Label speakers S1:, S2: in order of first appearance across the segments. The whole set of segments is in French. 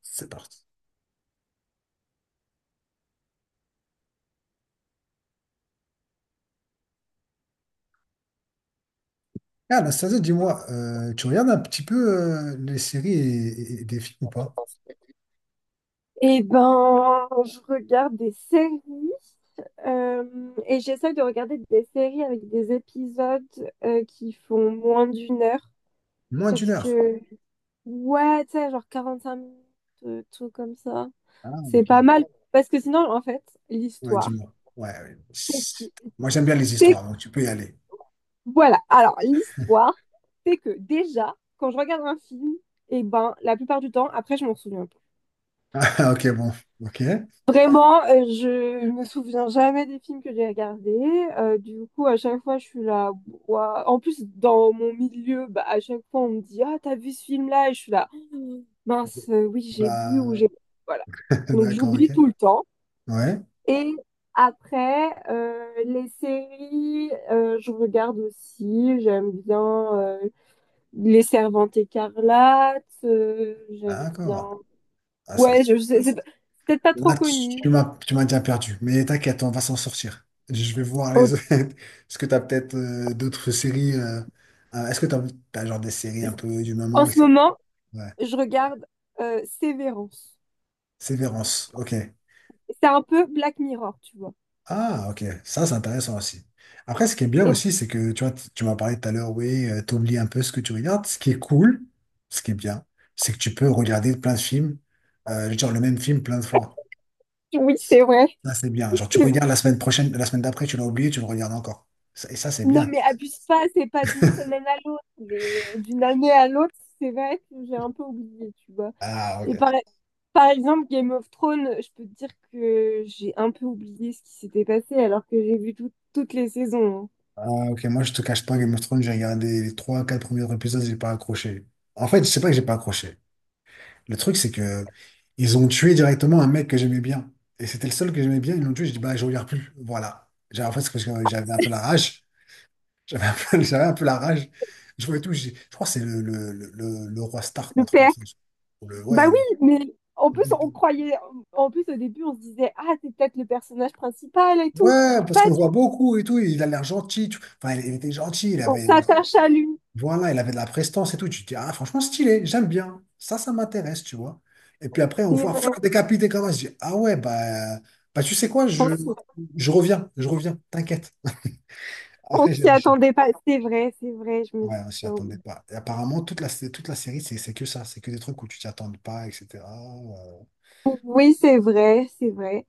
S1: C'est parti. Ah, Anastasia, dis-moi, tu regardes un petit peu les séries et des films ou pas?
S2: Eh ben, je regarde des séries et j'essaie de regarder des séries avec des épisodes qui font moins d'une heure
S1: Moins
S2: parce
S1: d'une heure.
S2: que, ouais, tu sais, genre 45 minutes, tout comme ça.
S1: Ah,
S2: C'est
S1: ok.
S2: pas mal parce que sinon, en fait,
S1: Ouais,
S2: l'histoire,
S1: dis-moi. Ouais, ouais. Chut. Moi, j'aime bien les
S2: c'est.
S1: histoires, donc tu peux y aller.
S2: Voilà, alors l'histoire, c'est que déjà, quand je regarde un film, eh ben, la plupart du temps, après, je m'en souviens.
S1: Ah, ok, bon. Ok.
S2: Vraiment, je me souviens jamais des films que j'ai regardés. Du coup, à chaque fois, je suis là. Ouah. En plus, dans mon milieu, bah, à chaque fois, on me dit, ah, t'as vu ce film-là? Et je suis là, «Oh, mince, oui, j'ai vu ou j'ai.
S1: Bah,
S2: Voilà. Donc,
S1: d'accord, ok.
S2: j'oublie tout le temps.
S1: Ouais,
S2: Et après, les séries, je regarde aussi. J'aime bien euh, Les Servantes écarlates. J'aime bien.
S1: d'accord. Ah, c'est...
S2: Ouais, je sais, c'est peut-être pas trop
S1: Là, tu
S2: connu.
S1: tu m'as tu m'as déjà perdu, mais t'inquiète, on va s'en sortir. Je vais voir les autres.
S2: Ok.
S1: Est-ce que t'as peut-être d'autres séries est-ce que t'as genre des séries un peu du
S2: En
S1: moment,
S2: ce
S1: etc.
S2: moment, je regarde Sévérance.
S1: Sévérance, ok.
S2: C'est un peu Black Mirror, tu vois.
S1: Ah, ok, ça c'est intéressant aussi. Après, ce qui est bien
S2: Et
S1: aussi, c'est que tu vois, tu m'as parlé tout à l'heure, oui, t'oublies un peu ce que tu regardes. Ce qui est cool, ce qui est bien, c'est que tu peux regarder plein de films, genre le même film plein de fois.
S2: oui, c'est vrai.
S1: Ça c'est bien. Genre tu regardes la semaine prochaine, la semaine d'après, tu l'as oublié, tu le regardes encore. Et ça c'est
S2: Non,
S1: bien.
S2: mais abuse pas, c'est pas d'une semaine à l'autre, mais d'une année à l'autre, c'est vrai que j'ai un peu oublié, tu vois.
S1: Ah,
S2: Et
S1: ok.
S2: par exemple, Game of Thrones, je peux te dire que j'ai un peu oublié ce qui s'était passé alors que j'ai vu toutes les saisons, hein.
S1: Ah, ok, moi je te cache pas, Game of Thrones, j'ai regardé les trois, quatre premiers épisodes, j'ai pas accroché. En fait, je sais pas que j'ai pas accroché. Le truc, c'est que ils ont tué directement un mec que j'aimais bien. Et c'était le seul que j'aimais bien. Ils l'ont tué. J'ai dit, bah, je regarde plus. Voilà. En fait, c'est parce que j'avais un peu la rage. J'avais un peu, j'avais un peu la rage. Je voyais tout. Je crois que c'est le roi Stark, ou un
S2: Le
S1: truc comme
S2: père.
S1: ça. Ou le,
S2: Bah
S1: ouais,
S2: oui, mais en plus,
S1: le-
S2: on croyait. En plus, au début, on se disait, ah, c'est peut-être le personnage principal et tout.
S1: Ouais,
S2: Mais
S1: parce
S2: pas,
S1: qu'on le voit beaucoup et tout. Il a l'air gentil. Enfin, il était gentil. Il
S2: on
S1: avait,
S2: s'attache à lui.
S1: voilà, il avait de la prestance et tout. Tu te dis, ah, franchement, stylé, j'aime bien. Ça m'intéresse, tu vois. Et puis après, on
S2: C'est
S1: voit faire
S2: vrai.
S1: décapiter Kamash. Je dis, ah ouais, bah tu sais quoi,
S2: On s'y,
S1: je reviens, t'inquiète.
S2: on
S1: Après, j'ai
S2: s'y
S1: lâché.
S2: attendait pas. C'est vrai, je me
S1: Ouais, je m'y attendais
S2: souviens.
S1: pas. Et apparemment, toute la série, c'est que ça. C'est que des trucs où tu t'y attends pas, etc. Euh,
S2: Bon, oui, c'est vrai, c'est vrai.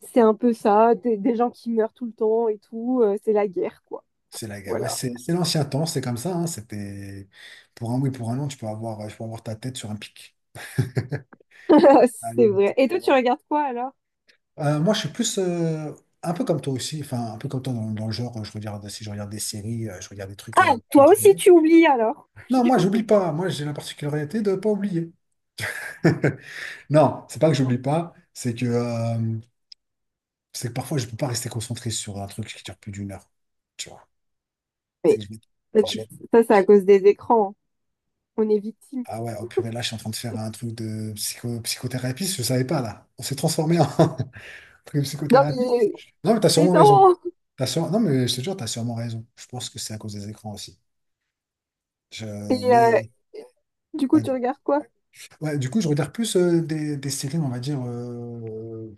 S2: C'est un peu ça, des gens qui meurent tout le temps et tout. C'est la guerre, quoi.
S1: c'est la, ouais,
S2: Voilà.
S1: c'est l'ancien temps, c'est comme ça. Hein. C'était pour un oui, pour un non, tu peux avoir ta tête sur un pic.
S2: C'est
S1: Allez,
S2: vrai. Et toi, tu regardes quoi alors?
S1: Moi, je suis plus un peu comme toi aussi, enfin, un peu comme toi dans le genre. Je regarde, si je regarde des séries, je regarde des trucs pas
S2: Toi
S1: trop
S2: aussi,
S1: longs.
S2: tu oublies alors.
S1: Non, moi, j'oublie pas. Moi, j'ai la particularité de pas oublier. Non, c'est pas que j'oublie pas, c'est que parfois, je peux pas rester concentré sur un truc qui dure plus d'une heure. Tu vois, c'est
S2: Mais
S1: que je vais-
S2: ça, c'est à cause des écrans, hein. On est victime.
S1: ah ouais, oh purée, là, je suis en train de faire un truc de psychothérapie, je savais pas, là. On s'est transformé en truc de
S2: Non,
S1: psychothérapie.
S2: mais,
S1: Non, mais t'as
S2: mais
S1: sûrement raison.
S2: non!
S1: Non, mais je te jure, t'as sûrement raison. Je pense que c'est à cause des écrans aussi. Je-
S2: Et
S1: mais
S2: du coup,
S1: ouais.
S2: tu regardes quoi?
S1: Ouais, du coup, je regarde plus des séries, on va dire,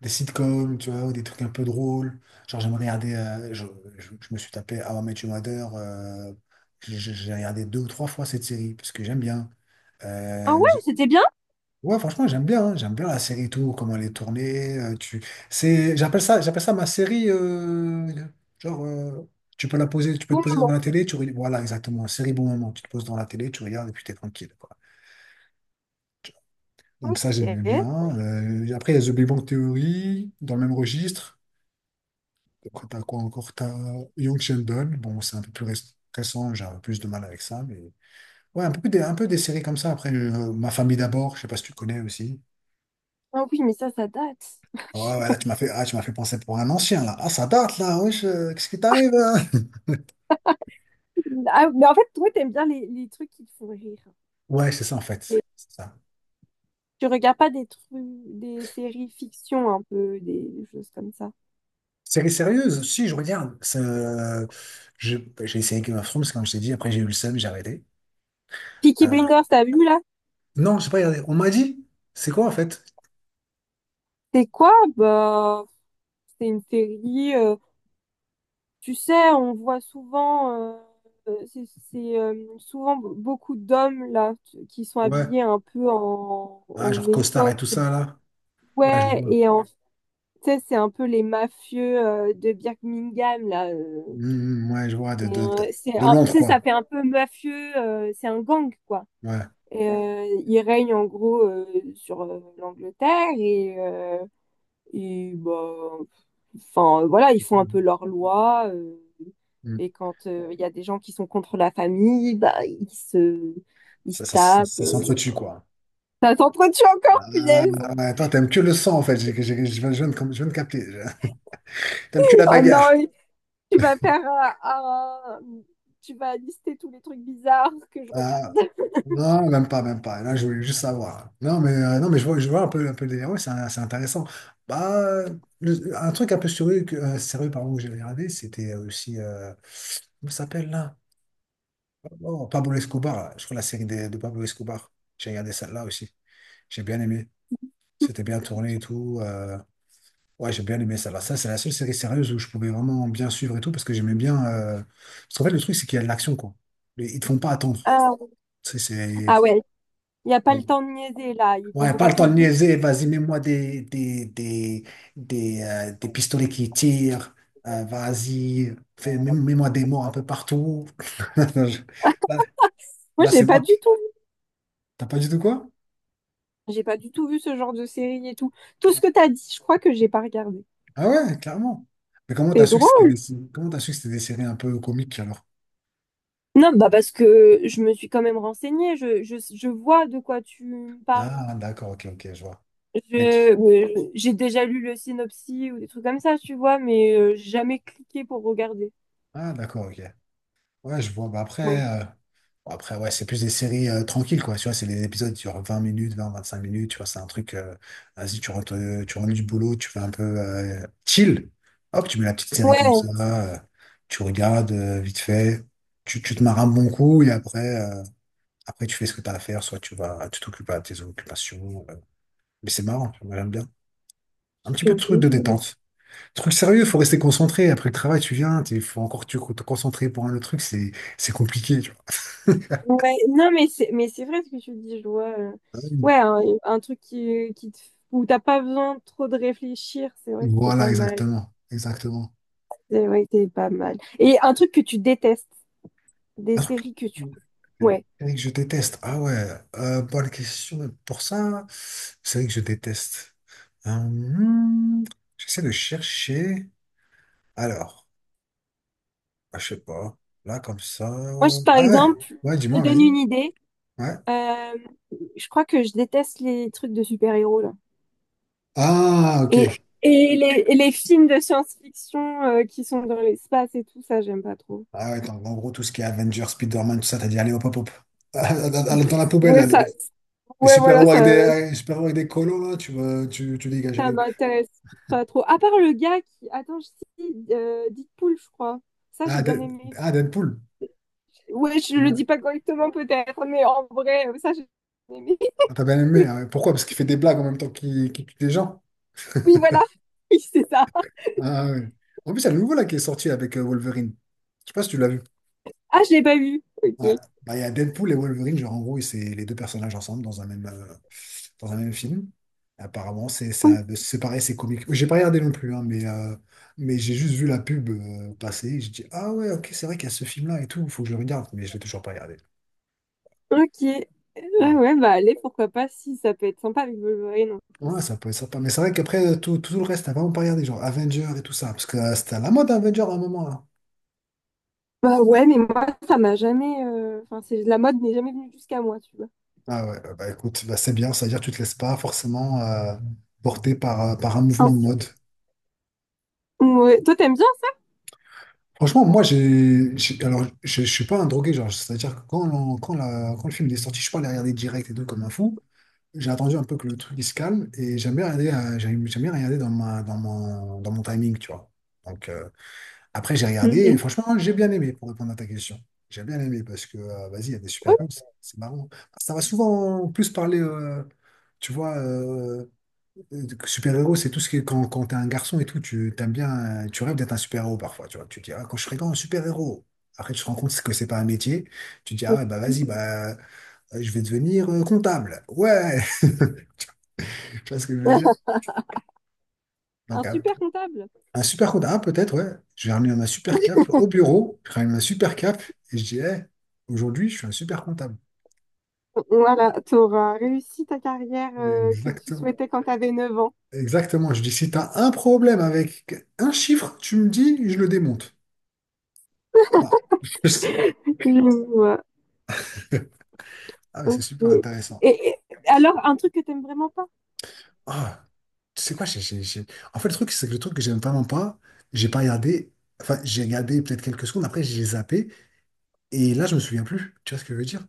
S1: des sitcoms, tu vois, ou des trucs un peu drôles. Genre, j'aime regarder, je me suis tapé How I Met Your Mother, j'ai regardé deux ou trois fois cette série, parce que j'aime bien.
S2: Ah
S1: Euh,
S2: ouais,
S1: j'-
S2: c'était bien?
S1: ouais, franchement, j'aime bien, hein. J'aime bien la série et tout, comment elle est tournée. Tu... c'est, j'appelle ça ma série, genre, euh, tu peux la poser, tu peux te poser devant la télé, tu... voilà, exactement, série bon moment, tu te poses dans la télé, tu regardes et puis t'es tranquille. Donc ça, j'aimais
S2: Ok.
S1: bien. Après, il y a The Big Bang Theory, dans le même registre. Donc, t'as quoi encore? T'as Young Sheldon. Bon, c'est un peu plus récent, j'ai un peu plus de mal avec ça. Mais... ouais, un peu, un peu des séries comme ça. Après, Ma famille d'abord, je sais pas si tu connais aussi.
S2: Ah oui, mais ça date.
S1: Ouais, ouais, là, tu m'as fait penser pour un ancien, là. Ah, ça date, là. Wesh, qu'est-ce qui t'arrive, là?
S2: Ah, mais en fait, toi, t'aimes bien les trucs qui te font rire.
S1: Ouais, c'est ça, en fait.
S2: Les-
S1: C'est ça.
S2: Tu regardes pas des trucs, des séries fiction un peu, des choses comme ça.
S1: Série sérieuse, si, je regarde. Je- J'ai essayé Game of Thrones, comme je t'ai dit. Après, j'ai eu le seum, j'ai arrêté.
S2: Peaky
S1: Euh,
S2: Blinders, t'as vu là?
S1: non, je sais pas regardé. On m'a dit, c'est quoi, en fait?
S2: C'est quoi? Bah, c'est une série, tu sais, on voit souvent, c'est souvent beaucoup d'hommes là qui sont
S1: Ouais.
S2: habillés un peu
S1: Ah,
S2: en
S1: genre costard et tout
S2: époque.
S1: ça, là. Ouais, je
S2: Ouais,
S1: vois.
S2: et en fait, c'est un peu les mafieux de Birmingham là,
S1: Mm, ouais, je vois. De
S2: Tu
S1: l'ombre,
S2: sais, ça
S1: quoi.
S2: fait un peu mafieux, c'est un gang, quoi.
S1: Ouais.
S2: Et, il règne en gros sur l'Angleterre et bah, enfin voilà, ils font un peu leur loi,
S1: Mm.
S2: et quand il y a des gens qui sont contre la famille, bah, ils se
S1: Ça, ça, ça,
S2: tapent.
S1: ça s'entretue,
S2: Voilà.
S1: quoi.
S2: Ça s'entretue encore,
S1: Ah,
S2: punaise!
S1: ouais, toi, t'aimes que le sang, en fait. Je viens je viens de capter. T'aimes que la
S2: Oh
S1: bagarre.
S2: non, tu vas faire. Tu vas lister tous les trucs bizarres que je
S1: Ah,
S2: regarde.
S1: non, même pas, même pas. Là, je voulais juste savoir. Non, mais, non, mais je vois un peu le délire. Ouais, c'est intéressant. Bah, un truc un peu sérieux, sérieux pardon, que j'avais regardé, c'était aussi... comment ça s'appelle, là? Oh, Pablo Escobar, je crois la série de Pablo Escobar. J'ai regardé celle-là aussi. J'ai bien aimé. C'était bien tourné et tout. Ouais, j'ai bien aimé celle-là. Ça, c'est la seule série sérieuse où je pouvais vraiment bien suivre et tout parce que j'aimais bien. Parce qu'en fait, le truc, c'est qu'il y a de l'action, quoi. Mais ils te font pas attendre.
S2: Ah,
S1: Tu sais, c'est.
S2: ah ouais, il n'y a pas le
S1: Bon,
S2: temps de niaiser là, ils vont
S1: ouais, pas
S2: droit
S1: le
S2: au
S1: temps de
S2: but.
S1: niaiser. Vas-y, mets-moi des pistolets qui tirent. Vas-y, mets-moi des morts un peu partout. Là,
S2: Moi,
S1: là,
S2: j'ai
S1: c'est
S2: pas
S1: moi.
S2: du tout
S1: T'as pas du tout quoi?
S2: vu. J'ai pas du tout vu ce genre de série et tout. Tout ce que tu as dit, je crois que j'ai pas regardé.
S1: Ah ouais, clairement. Mais comment t'as
S2: C'est
S1: su que c'était
S2: drôle.
S1: des... comment t'as su que c'était des séries un peu comiques alors?
S2: Non, bah parce que je me suis quand même renseignée. Je vois de quoi tu me parles.
S1: Ah d'accord, ok, ok, je vois. Mais tu-
S2: J'ai déjà lu le synopsis ou des trucs comme ça, tu vois, mais j'ai jamais cliqué pour regarder.
S1: Ah d'accord, ok. Ouais, je vois. Bah après, après ouais, c'est plus des séries tranquilles, quoi. Tu vois, c'est des épisodes sur 20 minutes, 25 minutes, tu vois, c'est un truc. Vas-y, tu rentres du boulot, tu fais un peu chill. Hop, tu mets la petite série comme ça, euh, tu regardes vite fait, tu te marres un bon coup et après, après tu fais ce que t'as à faire, soit tu t'occupes à tes occupations. Mais c'est marrant, tu vois, j'aime bien. Un petit peu de truc de
S2: Ouais.
S1: détente. Truc sérieux, faut rester concentré. Après le travail, tu viens, il faut encore te concentrer pour un autre truc, c'est compliqué, tu vois.
S2: Ouais, non, mais c'est vrai ce que tu dis, je vois. Ouais, un truc où t'as pas besoin trop de réfléchir, c'est vrai que c'est
S1: Voilà,
S2: pas mal.
S1: exactement. Exactement.
S2: C'est vrai que c'est pas mal. Et un truc que tu détestes, des
S1: Un truc
S2: séries que tu. Ouais.
S1: série que je déteste. Ah ouais, bonne question. Pour ça, c'est vrai que je déteste. Euh, hmm, j'essaie de chercher. Alors, ah, je sais pas. Là, comme ça.
S2: Moi, je, par
S1: Ah ouais,
S2: exemple,
S1: ouais,
S2: je te
S1: dis-moi,
S2: donne
S1: vas-y.
S2: une idée.
S1: Ouais.
S2: Euh, je crois que je déteste les trucs de super-héros là.
S1: Ah, ok.
S2: Et, et les films de science-fiction qui sont dans l'espace et tout ça, j'aime pas trop.
S1: Ah ouais, donc en gros, tout ce qui est Avengers, Spider-Man, tout ça, t'as dit, allez, hop, hop, hop. Dans
S2: Pff,
S1: dans- la poubelle,
S2: ouais,
S1: là,
S2: ça,
S1: les
S2: ouais, voilà,
S1: super-héros avec les super-héros avec des colos, là, tu dégages,
S2: ça
S1: allez. Hop.
S2: m'intéresse pas trop. À part le gars qui, attends, je sais, Deadpool, je crois. Ça, j'ai bien aimé.
S1: Ah, Deadpool.
S2: Ouais, je le
S1: Ouais.
S2: dis pas correctement peut-être, mais en vrai, ça, j'ai bien aimé.
S1: Ah, t'as bien aimé. Ah ouais. Pourquoi? Parce qu'il fait des blagues en même temps qu'il tue des gens.
S2: Oui, voilà. Oui, c'est ça.
S1: Ah ouais. En plus, il y a le nouveau, là, qui est sorti avec Wolverine. Je sais pas si tu l'as vu.
S2: Ah, je l'ai pas vu. Ok.
S1: Ouais. Bah, il y a Deadpool et Wolverine, genre en gros, c'est les deux personnages ensemble dans un même film. Apparemment, c'est ça, c'est pareil, c'est comique. J'ai pas regardé non plus, hein, mais j'ai juste vu la pub passer. J'ai dit, ah ouais, ok, c'est vrai qu'il y a ce film-là et tout, faut que je le regarde, mais je l'ai toujours pas regardé.
S2: Ok. Ah
S1: Bon.
S2: ouais, bah allez, pourquoi pas si ça peut être sympa avec Wolverine en
S1: Ouais,
S2: plus.
S1: ça peut être sympa. Mais c'est vrai qu'après, tout le reste, t'as vraiment pas regardé, genre Avengers et tout ça, parce que c'était à la mode Avengers à un moment, là.
S2: Bah ouais, mais moi, ça m'a jamais, enfin, c'est la mode n'est jamais venue jusqu'à moi, tu vois.
S1: Ah ouais, écoute, bah, c'est bien, c'est à dire que tu te laisses pas forcément porter par, par un
S2: Un-
S1: mouvement de mode.
S2: Ouais. Toi, t'aimes bien?
S1: Franchement, moi, alors, je suis pas un drogué, genre, c'est-à-dire que quand, l'on- quand, la- quand le film est sorti, je suis pas allé regarder direct et tout comme un fou. J'ai attendu un peu que le truc il se calme et j'aime bien regarder, j'aime bien regarder dans ma, dans mon timing, tu vois. Donc, après, j'ai regardé et
S2: Mhm.
S1: franchement, j'ai bien aimé pour répondre à ta question. J'ai bien aimé parce que, vas-y, il y a des
S2: Ouais.
S1: super bons, c'est marrant. Ça va souvent en plus parler, tu vois, euh, super-héros, c'est tout ce qui est quand, quand t'es un garçon et tout, tu t'aimes bien, tu rêves d'être un super-héros parfois, tu vois. Tu dis, ah, quand je serai grand, un super-héros. Après, tu te rends compte que c'est pas un métier. Tu dis, ah, ouais, bah vas-y, bah, je vais devenir comptable. Ouais, tu vois ce que je veux dire?
S2: Un
S1: Donc,
S2: super comptable.
S1: un super comptable, ah, peut-être, ouais. Je vais ramener ma super cape au bureau, je ramène ma super cape et je dis, eh, aujourd'hui, je suis un super comptable.
S2: Voilà, t'auras réussi ta carrière que tu
S1: Exactement.
S2: souhaitais quand t'avais 9 ans.
S1: Exactement. Je dis, si t'as un problème avec un chiffre, tu me dis, je le démonte. Voilà.
S2: Je vois.
S1: Ah, mais c'est
S2: Ok.
S1: super intéressant.
S2: Et- alors, un truc que t'aimes vraiment pas?
S1: Ah, tu sais quoi, en fait, le truc, c'est que le truc que j'aime vraiment pas, j'ai pas regardé, enfin, j'ai regardé peut-être quelques secondes, après, j'ai zappé, et là, je me souviens plus. Tu vois ce que je veux dire?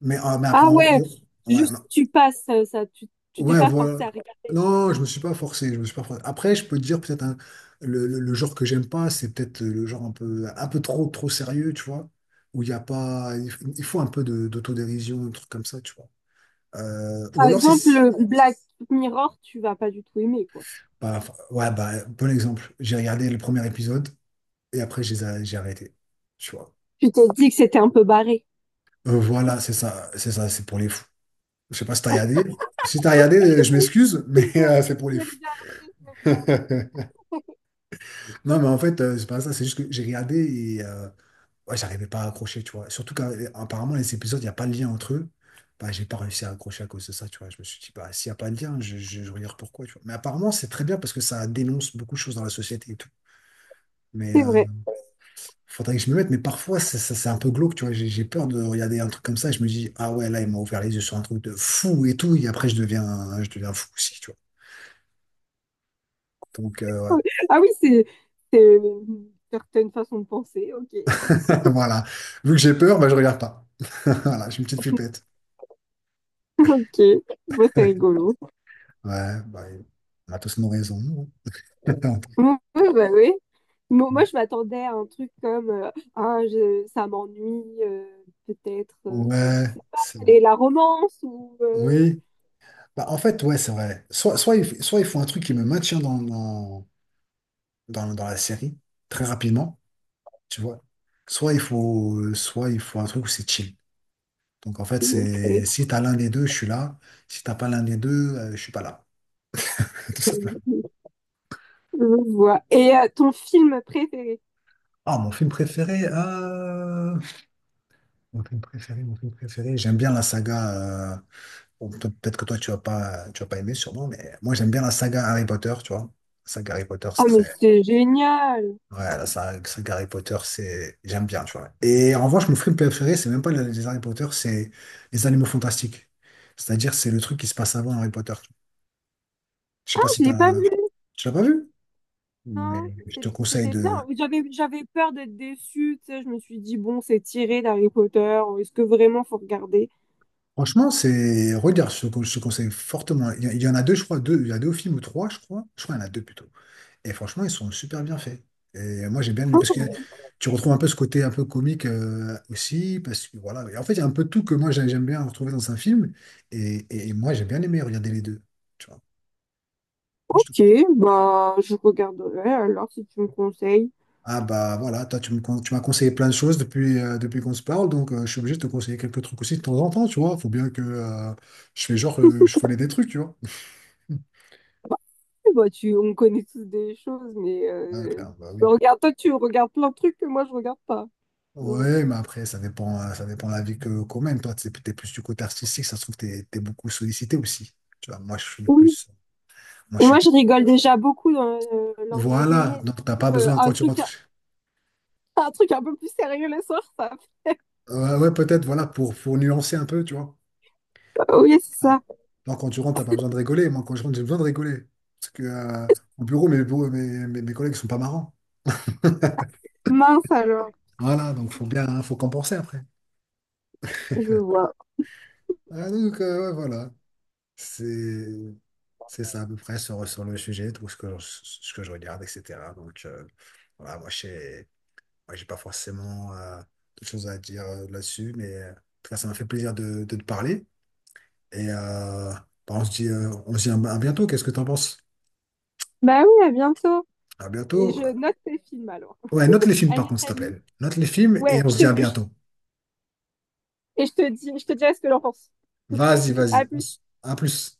S1: Mais, ah, mais après,
S2: Ah ouais,
S1: ouais,
S2: juste
S1: non.
S2: tu passes, ça, tu t'es
S1: Ouais,
S2: pas
S1: voilà.
S2: forcé à regarder.
S1: Non, je me suis pas forcé, je me suis pas forcé. Après, je peux te dire, peut-être, le genre que j'aime pas, c'est peut-être le genre un peu trop, trop sérieux, tu vois, où il y a pas, il faut un peu d'autodérision, un truc comme ça, tu vois. Ou
S2: Par
S1: alors,
S2: exemple,
S1: c'est.
S2: le Black Mirror, tu vas pas du tout aimer, quoi.
S1: Bah, enfin, ouais, bah, bon exemple. J'ai regardé le premier épisode et après, j'ai arrêté. Tu vois.
S2: Tu t'es dit que c'était un peu barré.
S1: Voilà, c'est ça, c'est ça, c'est pour les fous. Je sais pas si t'as regardé. Si t'as regardé, je m'excuse, mais c'est pour
S2: Je
S1: les
S2: vais
S1: fous.
S2: regarder, je vais regarder.
S1: Non, mais en fait, c'est pas ça, c'est juste que j'ai regardé et ouais, j'arrivais pas à accrocher, tu vois. Surtout qu'apparemment, les épisodes, il n'y a pas de lien entre eux. Bah, j'ai pas réussi à accrocher à cause de ça, tu vois. Je me suis dit, bah, s'il n'y a pas de lien, je regarde pourquoi, tu vois. Mais apparemment, c'est très bien parce que ça dénonce beaucoup de choses dans la société et tout. Mais
S2: C'est vrai.
S1: faudrait que je me mette, mais parfois, c'est un peu glauque, tu vois. J'ai peur de regarder un truc comme ça et je me dis, ah ouais, là, il m'a ouvert les yeux sur un truc de fou et tout. Et après, je deviens fou aussi, tu vois. Donc, ouais.
S2: Ah oui, c'est une certaine façon de penser, ok.
S1: Voilà. Vu que j'ai peur, bah, je regarde pas. Voilà, j'ai une petite flippette.
S2: Ok, moi c'est rigolo.
S1: Ouais, bah, on a tous nos raisons.
S2: Ouais, ouais, bah oui. Moi, je m'attendais à un truc comme ah, ça m'ennuie, peut-être, je
S1: Ouais,
S2: sais pas,
S1: c'est vrai.
S2: et la romance ou.
S1: Oui. Bah, en fait, ouais, c'est vrai. Soit il faut un truc qui me maintient dans la série très rapidement, tu vois. Soit il faut un truc où c'est chill. Donc en fait,
S2: Ok.
S1: c'est si t'as l'un des deux, je suis là. Si t'as pas l'un des deux, je suis pas là. Tout simplement.
S2: Je vois. Et ton film préféré?
S1: Ah, mon film préféré, mon film préféré. J'aime bien la saga. Bon, toi, peut-être que toi tu vas pas aimer sûrement, mais moi j'aime bien la saga Harry Potter, tu vois. La saga Harry Potter,
S2: Ah,
S1: c'est
S2: mais
S1: très,
S2: c'est génial!
S1: ouais, saga Harry Potter, c'est, j'aime bien, tu vois. Et en revanche, mon film préféré, c'est même pas les Harry Potter, c'est les Animaux Fantastiques. C'est-à-dire, c'est le truc qui se passe avant Harry Potter. Je sais
S2: Ah,
S1: pas si
S2: je l'ai pas
S1: t'as,
S2: vu,
S1: Tu l'as pas vu?
S2: non?
S1: Mais je te conseille
S2: C'était bien.
S1: de.
S2: J'avais peur d'être déçue, tu sais. Je me suis dit, bon, c'est tiré d'Harry Potter. Est-ce que vraiment faut regarder?
S1: Franchement, c'est. Regarde, je te conseille fortement. Il y en a deux, je crois. Il y a deux films ou trois, je crois. Je crois qu'il y en a deux plutôt. Et franchement, ils sont super bien faits. Et moi, j'ai bien aimé parce que
S2: Ah,
S1: tu retrouves un peu ce côté un peu comique aussi. Parce que voilà. Et en fait, il y a un peu tout que j'aime bien retrouver dans un film. Et, et moi, j'ai bien aimé regarder les deux. Tu vois. Moi, je te
S2: ok,
S1: conseille.
S2: bah, je regarderai alors si tu me conseilles.
S1: Ah bah voilà, toi tu me con- tu m'as conseillé plein de choses depuis, depuis qu'on se parle, donc je suis obligé de te conseiller quelques trucs aussi de temps en temps, tu vois. Faut bien que je fais genre je connais des trucs, tu vois.
S2: Bah, on connaît tous des choses, mais
S1: Ah, clair, bah oui.
S2: regarde, toi, tu regardes plein de trucs que moi, je regarde pas. Genre,
S1: Ouais, mais après, ça dépend de la vie que qu'on mène. Toi, t'es plus du côté artistique, ça se trouve, t'es beaucoup sollicité aussi. Tu vois, moi, je suis
S2: oui.
S1: plus. Moi, je
S2: Et moi,
S1: suis.
S2: je rigole déjà beaucoup lors de ma
S1: Voilà,
S2: journée.
S1: donc t'as
S2: Du
S1: pas
S2: coup,
S1: besoin quand tu rentres.
S2: un truc un peu plus sérieux le soir, ça.
S1: Ouais, ouais, peut-être, voilà, pour nuancer un peu, tu vois.
S2: Oui, c'est
S1: Ah,
S2: ça.
S1: non, quand tu rentres, t'as pas besoin de rigoler. Moi, quand je rentre, j'ai besoin de rigoler. Parce que au bureau, mes, bureaux- mes, mes, mes collègues sont pas marrants.
S2: Mince alors,
S1: Voilà, donc faut bien, hein, faut compenser après.
S2: je vois.
S1: Ah, donc, ouais, voilà. C'est, c'est ça à peu près sur, sur le sujet, tout ce que, ce que je regarde, etc. Donc, voilà, moi, j'ai pas forcément de choses à dire là-dessus, mais en tout cas, ça m'a fait plaisir de te parler. Et bah, on se dit à bientôt. Qu'est-ce que t'en penses?
S2: Bah oui, à bientôt.
S1: À
S2: Et
S1: bientôt.
S2: je note tes films alors.
S1: Ouais, note les films par
S2: Allez,
S1: contre, s'il te
S2: salut.
S1: plaît. Note les films et
S2: Ouais,
S1: on se dit à bientôt.
S2: et je te dirai ce que j'en pense.
S1: Vas-y,
S2: À
S1: vas-y.
S2: plus.
S1: À plus.